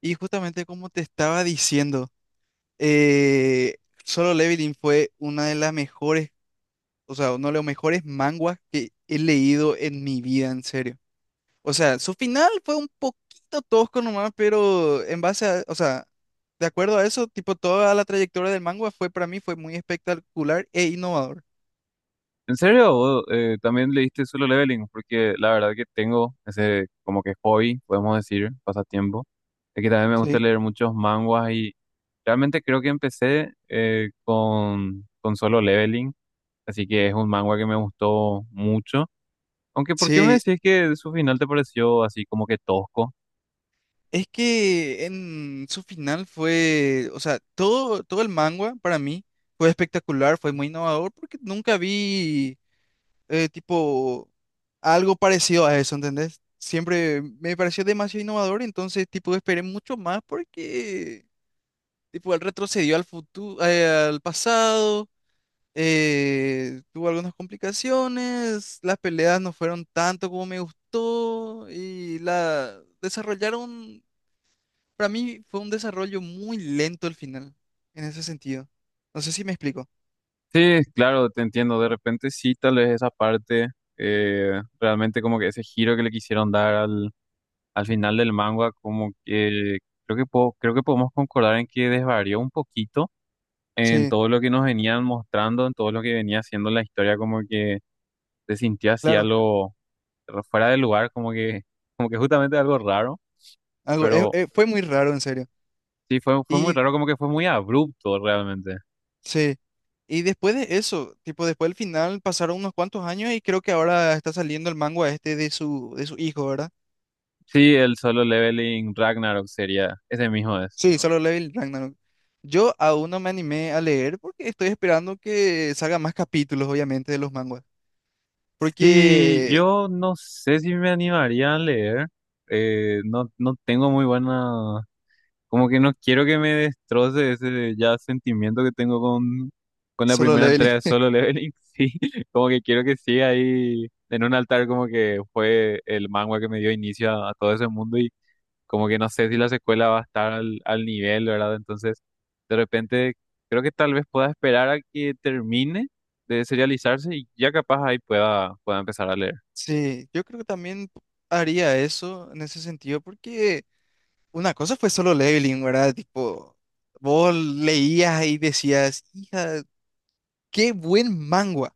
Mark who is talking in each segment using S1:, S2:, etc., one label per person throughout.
S1: Y justamente como te estaba diciendo, eh, Solo Leveling fue una de las mejores, o sea, uno de los mejores manguas que he leído en mi vida, en serio. O sea, su final fue un poquito tosco nomás, pero en base a, o sea, de acuerdo a eso, tipo, toda la trayectoria del manga fue para mí fue muy espectacular e innovador.
S2: ¿En serio? ¿Vos, también leíste Solo Leveling? Porque la verdad que tengo ese como que hobby, podemos decir, pasatiempo. Es que también me
S1: Sí.
S2: gusta
S1: Sí.
S2: leer muchos manguas y realmente creo que empecé con Solo Leveling. Así que es un manga que me gustó mucho. Aunque, ¿por qué me
S1: Sí,
S2: decís que su final te pareció así como que tosco?
S1: es que en su final fue, o sea, todo el manga para mí fue espectacular, fue muy innovador porque nunca vi tipo algo parecido a eso, ¿entendés? Siempre me pareció demasiado innovador, entonces tipo esperé mucho más porque tipo él retrocedió al futuro, al pasado, tuvo algunas complicaciones, las peleas no fueron tanto como me gustó y la desarrollaron, para mí fue un desarrollo muy lento el final, en ese sentido. No sé si me explico.
S2: Sí, claro, te entiendo. De repente sí, tal vez esa parte, realmente como que ese giro que le quisieron dar al final del manga, como que creo que podemos concordar en que desvarió un poquito en
S1: Sí,
S2: todo lo que nos venían mostrando, en todo lo que venía haciendo la historia, como que se sintió así
S1: claro. Ya,
S2: algo fuera de lugar, como que justamente algo raro,
S1: algo,
S2: pero
S1: fue muy raro, en serio.
S2: sí fue muy
S1: Sí, y
S2: raro, como que fue muy abrupto realmente.
S1: sí, y después de eso, tipo, después del final pasaron unos cuantos años y creo que ahora está saliendo el manga este de su hijo, ¿verdad?
S2: Sí, el Solo Leveling Ragnarok sería, ese mismo es.
S1: Sí, Solo Level Ragnarok. Yo aún no me animé a leer porque estoy esperando que salgan más capítulos, obviamente, de los manguas.
S2: Sí,
S1: Porque
S2: yo no sé si me animaría a leer. No tengo muy buena. Como que no quiero que me destroce ese ya sentimiento que tengo con
S1: sí,
S2: la
S1: Solo yo
S2: primera entrega
S1: Leveling.
S2: de Solo Leveling. Sí, como que quiero que siga ahí en un altar, como que fue el manga que me dio inicio a todo ese mundo. Y como que no sé si la secuela va a estar al nivel, ¿verdad? Entonces, de repente, creo que tal vez pueda esperar a que termine de serializarse y ya capaz ahí pueda empezar a leer.
S1: Sí, yo creo que también haría eso en ese sentido porque... Una cosa fue solo leveling, ¿verdad? Tipo, vos leías y decías, hija, qué buen manga,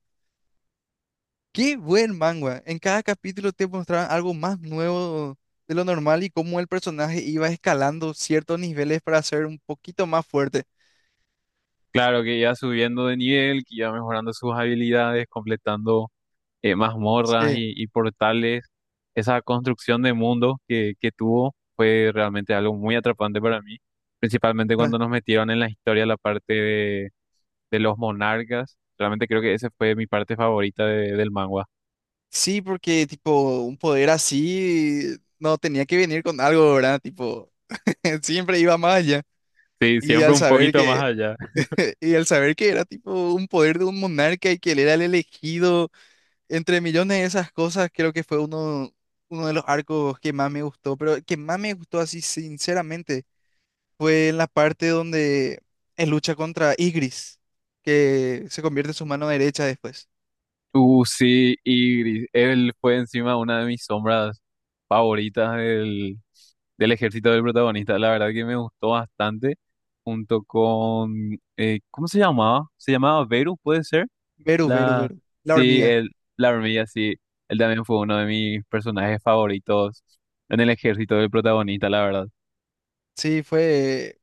S1: qué buen manga. En cada capítulo te mostraban algo más nuevo de lo normal y cómo el personaje iba escalando ciertos niveles para ser un poquito más fuerte.
S2: Claro que ya subiendo de nivel, que ya mejorando sus habilidades, completando mazmorras
S1: Sí.
S2: y portales, esa construcción de mundo que tuvo fue realmente algo muy atrapante para mí, principalmente
S1: pra-
S2: cuando nos metieron en la historia la parte de los monarcas, realmente creo que esa fue mi parte favorita del manga.
S1: Sí, porque tipo, un poder así no tenía que venir con algo, ¿verdad? Tipo, siempre iba más allá.
S2: Sí,
S1: Y
S2: siempre
S1: al
S2: un
S1: saber
S2: poquito más
S1: que
S2: allá.
S1: Y al saber que era tipo un poder de un monarca y que él era el elegido, entre millones de esas cosas, creo que fue uno de los arcos que más me gustó, pero que más me gustó así sinceramente fue en la parte donde él lucha contra Igris, que se convierte en su mano derecha después.
S2: Sí, y él fue encima una de mis sombras favoritas del ejército del protagonista. La verdad que me gustó bastante, junto con, ¿cómo se llamaba? ¿Se llamaba Verus, puede ser?
S1: Beru, Beru,
S2: La,
S1: Beru, la
S2: sí,
S1: hormiga.
S2: el, la hormiga, sí. Él también fue uno de mis personajes favoritos en el ejército del protagonista, la verdad.
S1: Sí, fue...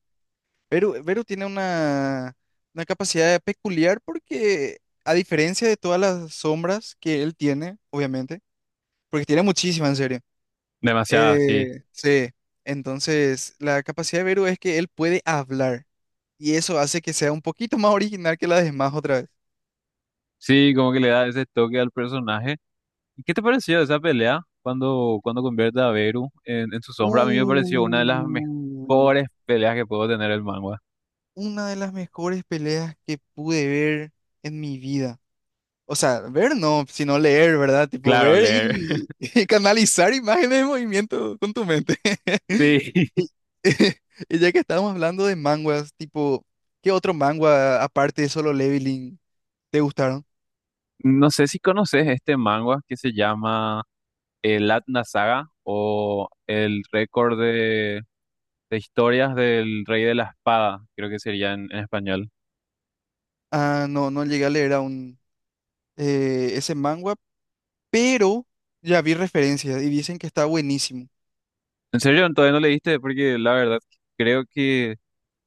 S1: Beru, Beru tiene una capacidad peculiar porque, a diferencia de todas las sombras que él tiene, obviamente, porque tiene muchísima, en serio.
S2: Demasiado, sí.
S1: Sí, entonces la capacidad de Beru es que él puede hablar y eso hace que sea un poquito más original que la de Smash otra vez.
S2: Sí, como que le da ese toque al personaje. ¿Y qué te pareció esa pelea cuando convierte a Beru en su
S1: Uh,
S2: sombra? A mí me pareció una de las mejores peleas que puedo tener el manga.
S1: una de las mejores peleas que pude ver en mi vida. O sea, ver no, sino leer, ¿verdad? Tipo
S2: Claro, leer.
S1: y canalizar imágenes de movimiento con tu mente.
S2: Sí.
S1: Y, y ya que estábamos hablando de manguas, tipo, ¿qué otro manga aparte de Solo Leveling? ¿Te gustaron?
S2: No sé si conoces este manga que se llama el Atna Saga o el récord de historias del Rey de la Espada, creo que sería en español.
S1: Ah, no llegué a leer aún ese manga, pero ya vi referencias y dicen que está buenísimo.
S2: ¿En serio? ¿Todavía no leíste? Porque la verdad creo que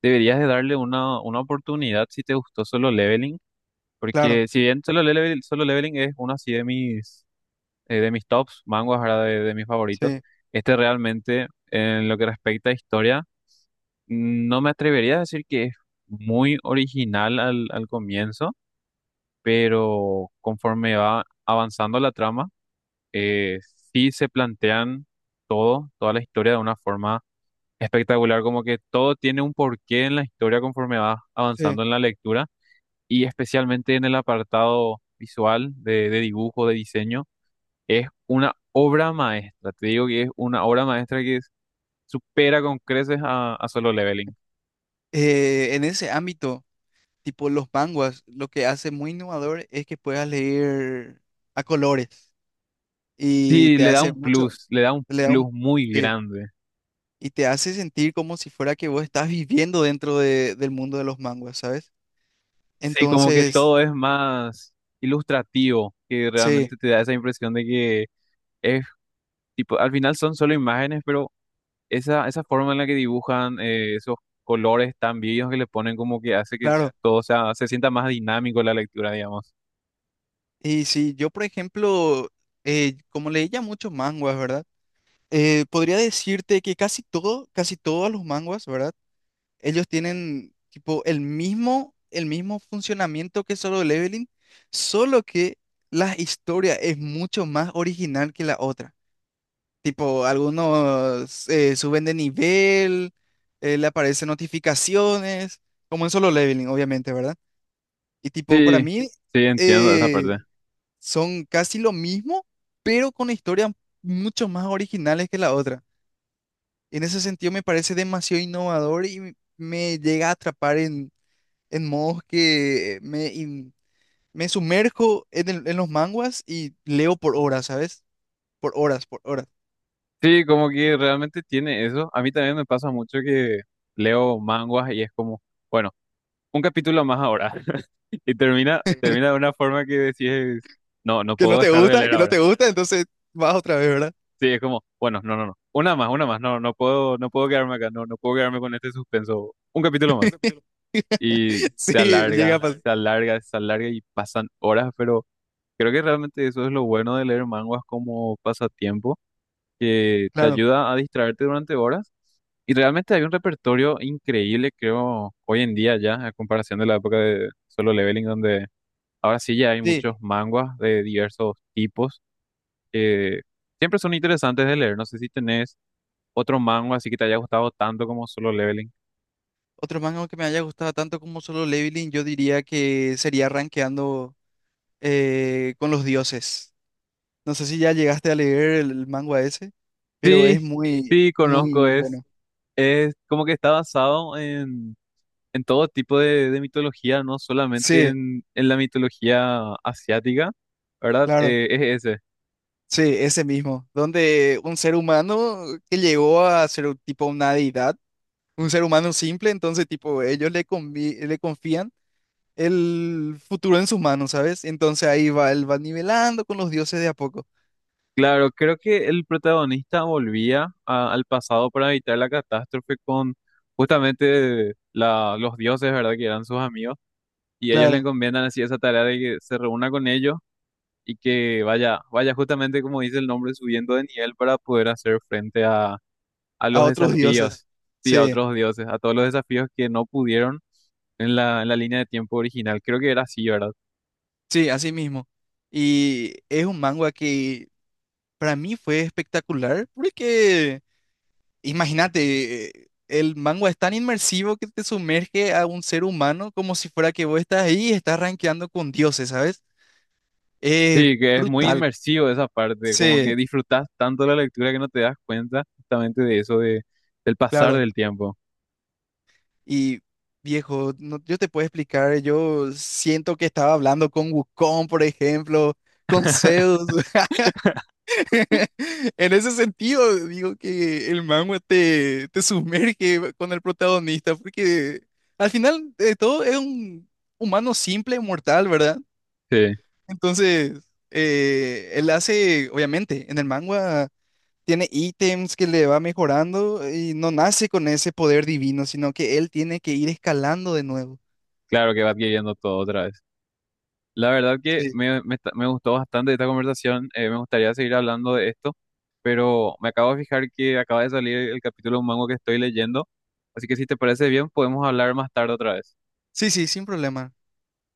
S2: deberías de darle una oportunidad si te gustó Solo Leveling,
S1: Claro,
S2: porque si bien Solo Leveling es uno así de mis tops, manguas ahora de mis favoritos,
S1: sí,
S2: este realmente en lo que respecta a historia, no me atrevería a decir que es muy original al comienzo, pero conforme va avanzando la trama, eh, sí se plantean toda la historia de una forma espectacular, como que todo tiene un porqué en la historia conforme vas
S1: sí.
S2: avanzando en la lectura y especialmente en el apartado visual de dibujo, de diseño, es una obra maestra, te digo que es una obra maestra que supera con creces a Solo Leveling.
S1: En ese ámbito, tipo los manguas, lo que hace muy innovador es que puedas leer a colores y
S2: Sí,
S1: te
S2: le da
S1: hace sí,
S2: un
S1: mucho,
S2: plus, le da un
S1: le da
S2: plus
S1: un,
S2: muy
S1: sí,
S2: grande.
S1: y te hace sentir como si fuera que vos estás viviendo dentro de- del mundo de los manguas, ¿sabes?
S2: Sí, como que
S1: Entonces,
S2: todo es más ilustrativo, que
S1: sí,
S2: realmente te da esa impresión de que es. Tipo, al final son solo imágenes, pero esa forma en la que dibujan esos colores tan vivos que le ponen como que hace
S1: claro.
S2: todo sea, se sienta más dinámico la lectura, digamos.
S1: Y si yo, por ejemplo, como leía muchos manguas, ¿verdad? Podría decirte que casi todo, casi todos los manguas, ¿verdad? Ellos tienen tipo el mismo funcionamiento que Solo Leveling, solo que la historia es mucho más original que la otra. Tipo, algunos suben de nivel, le aparecen notificaciones, como en Solo Leveling, obviamente, ¿verdad? Y tipo, para
S2: Sí,
S1: mí,
S2: sí, entiendo esa parte.
S1: eh, son casi lo mismo, pero con historias mucho más originales que la otra. En ese sentido me parece demasiado innovador y me llega a atrapar en modos que me sumerjo en, en los manguas y leo por horas, ¿sabes? Por horas, por horas.
S2: Sí, como que realmente tiene eso. A mí también me pasa mucho que leo manguas y es como, bueno, un capítulo más ahora. Y termina de una forma que decís, no
S1: Que
S2: puedo
S1: no te
S2: dejar de
S1: gusta,
S2: leer
S1: que no
S2: ahora.
S1: te gusta, entonces vas otra vez, ¿verdad?
S2: Sí, es como, bueno, no, no, no. Una más, una más. No, no puedo, no puedo quedarme acá. No, no puedo quedarme con este suspenso. Un capítulo más. Y
S1: Sí, llega a pasar.
S2: se alarga y pasan horas, pero creo que realmente eso es lo bueno de leer manguas como pasatiempo, que te
S1: Claro.
S2: ayuda a distraerte durante horas. Y realmente hay un repertorio increíble, creo, hoy en día ya, a comparación de la época de Solo Leveling, donde ahora sí ya hay
S1: Sí.
S2: muchos manguas de diversos tipos que siempre son interesantes de leer. No sé si tenés otro mango así que te haya gustado tanto como Solo Leveling?
S1: Otro manga que me haya gustado tanto como Solo Leveling, yo diría que sería Rankeando con los dioses. No sé si ya llegaste a leer el manga ese, pero
S2: Sí,
S1: es muy,
S2: sí, conozco,
S1: muy bueno.
S2: es como que está basado en todo tipo de mitología, no solamente
S1: Sí,
S2: en la mitología asiática, ¿verdad?
S1: claro,
S2: Es ese.
S1: sí, ese mismo, donde un ser humano que llegó a ser un tipo una deidad, un ser humano simple, entonces tipo ellos le confían el futuro en sus manos, ¿sabes? Entonces ahí va, él va nivelando con los dioses de a poco,
S2: Claro, creo que el protagonista volvía al pasado para evitar la catástrofe con justamente la, los dioses, ¿verdad? Que eran sus amigos. Y ellos le
S1: claro,
S2: encomiendan así esa tarea de que se reúna con ellos y que vaya justamente como dice el nombre, subiendo de nivel para poder hacer frente a
S1: a
S2: los
S1: otros dioses.
S2: desafíos, sí, a
S1: Sí,
S2: otros dioses, a todos los desafíos que no pudieron en la línea de tiempo original. Creo que era así, ¿verdad?
S1: sí, así mismo. Y es un manga que para mí fue espectacular porque... Imagínate, el manga es tan inmersivo que te sumerge a un ser humano como si fuera que vos estás ahí y estás rankeando con dioses, ¿sabes? Eh,
S2: Sí, que es muy
S1: brutal.
S2: inmersivo esa parte, como que
S1: Sí,
S2: disfrutas tanto la lectura que no te das cuenta justamente de eso, de, del pasar
S1: claro.
S2: del tiempo.
S1: Y viejo, yo te puedo explicar, yo siento que estaba hablando con Wukong, por ejemplo, con Zeus. En ese sentido, digo que el manga te sumerge con el protagonista, porque al final de todo es un humano simple, mortal, ¿verdad?
S2: Sí,
S1: Entonces, él hace, obviamente, en el manga tiene ítems que le va mejorando y no nace con ese poder divino, sino que él tiene que ir escalando de nuevo.
S2: claro que va adquiriendo todo otra vez. La verdad que
S1: Sí.
S2: me gustó bastante esta conversación. Me gustaría seguir hablando de esto, pero me acabo de fijar que acaba de salir el capítulo de un mango que estoy leyendo. Así que si te parece bien, podemos hablar más tarde otra vez.
S1: Sí, sí, sin problema.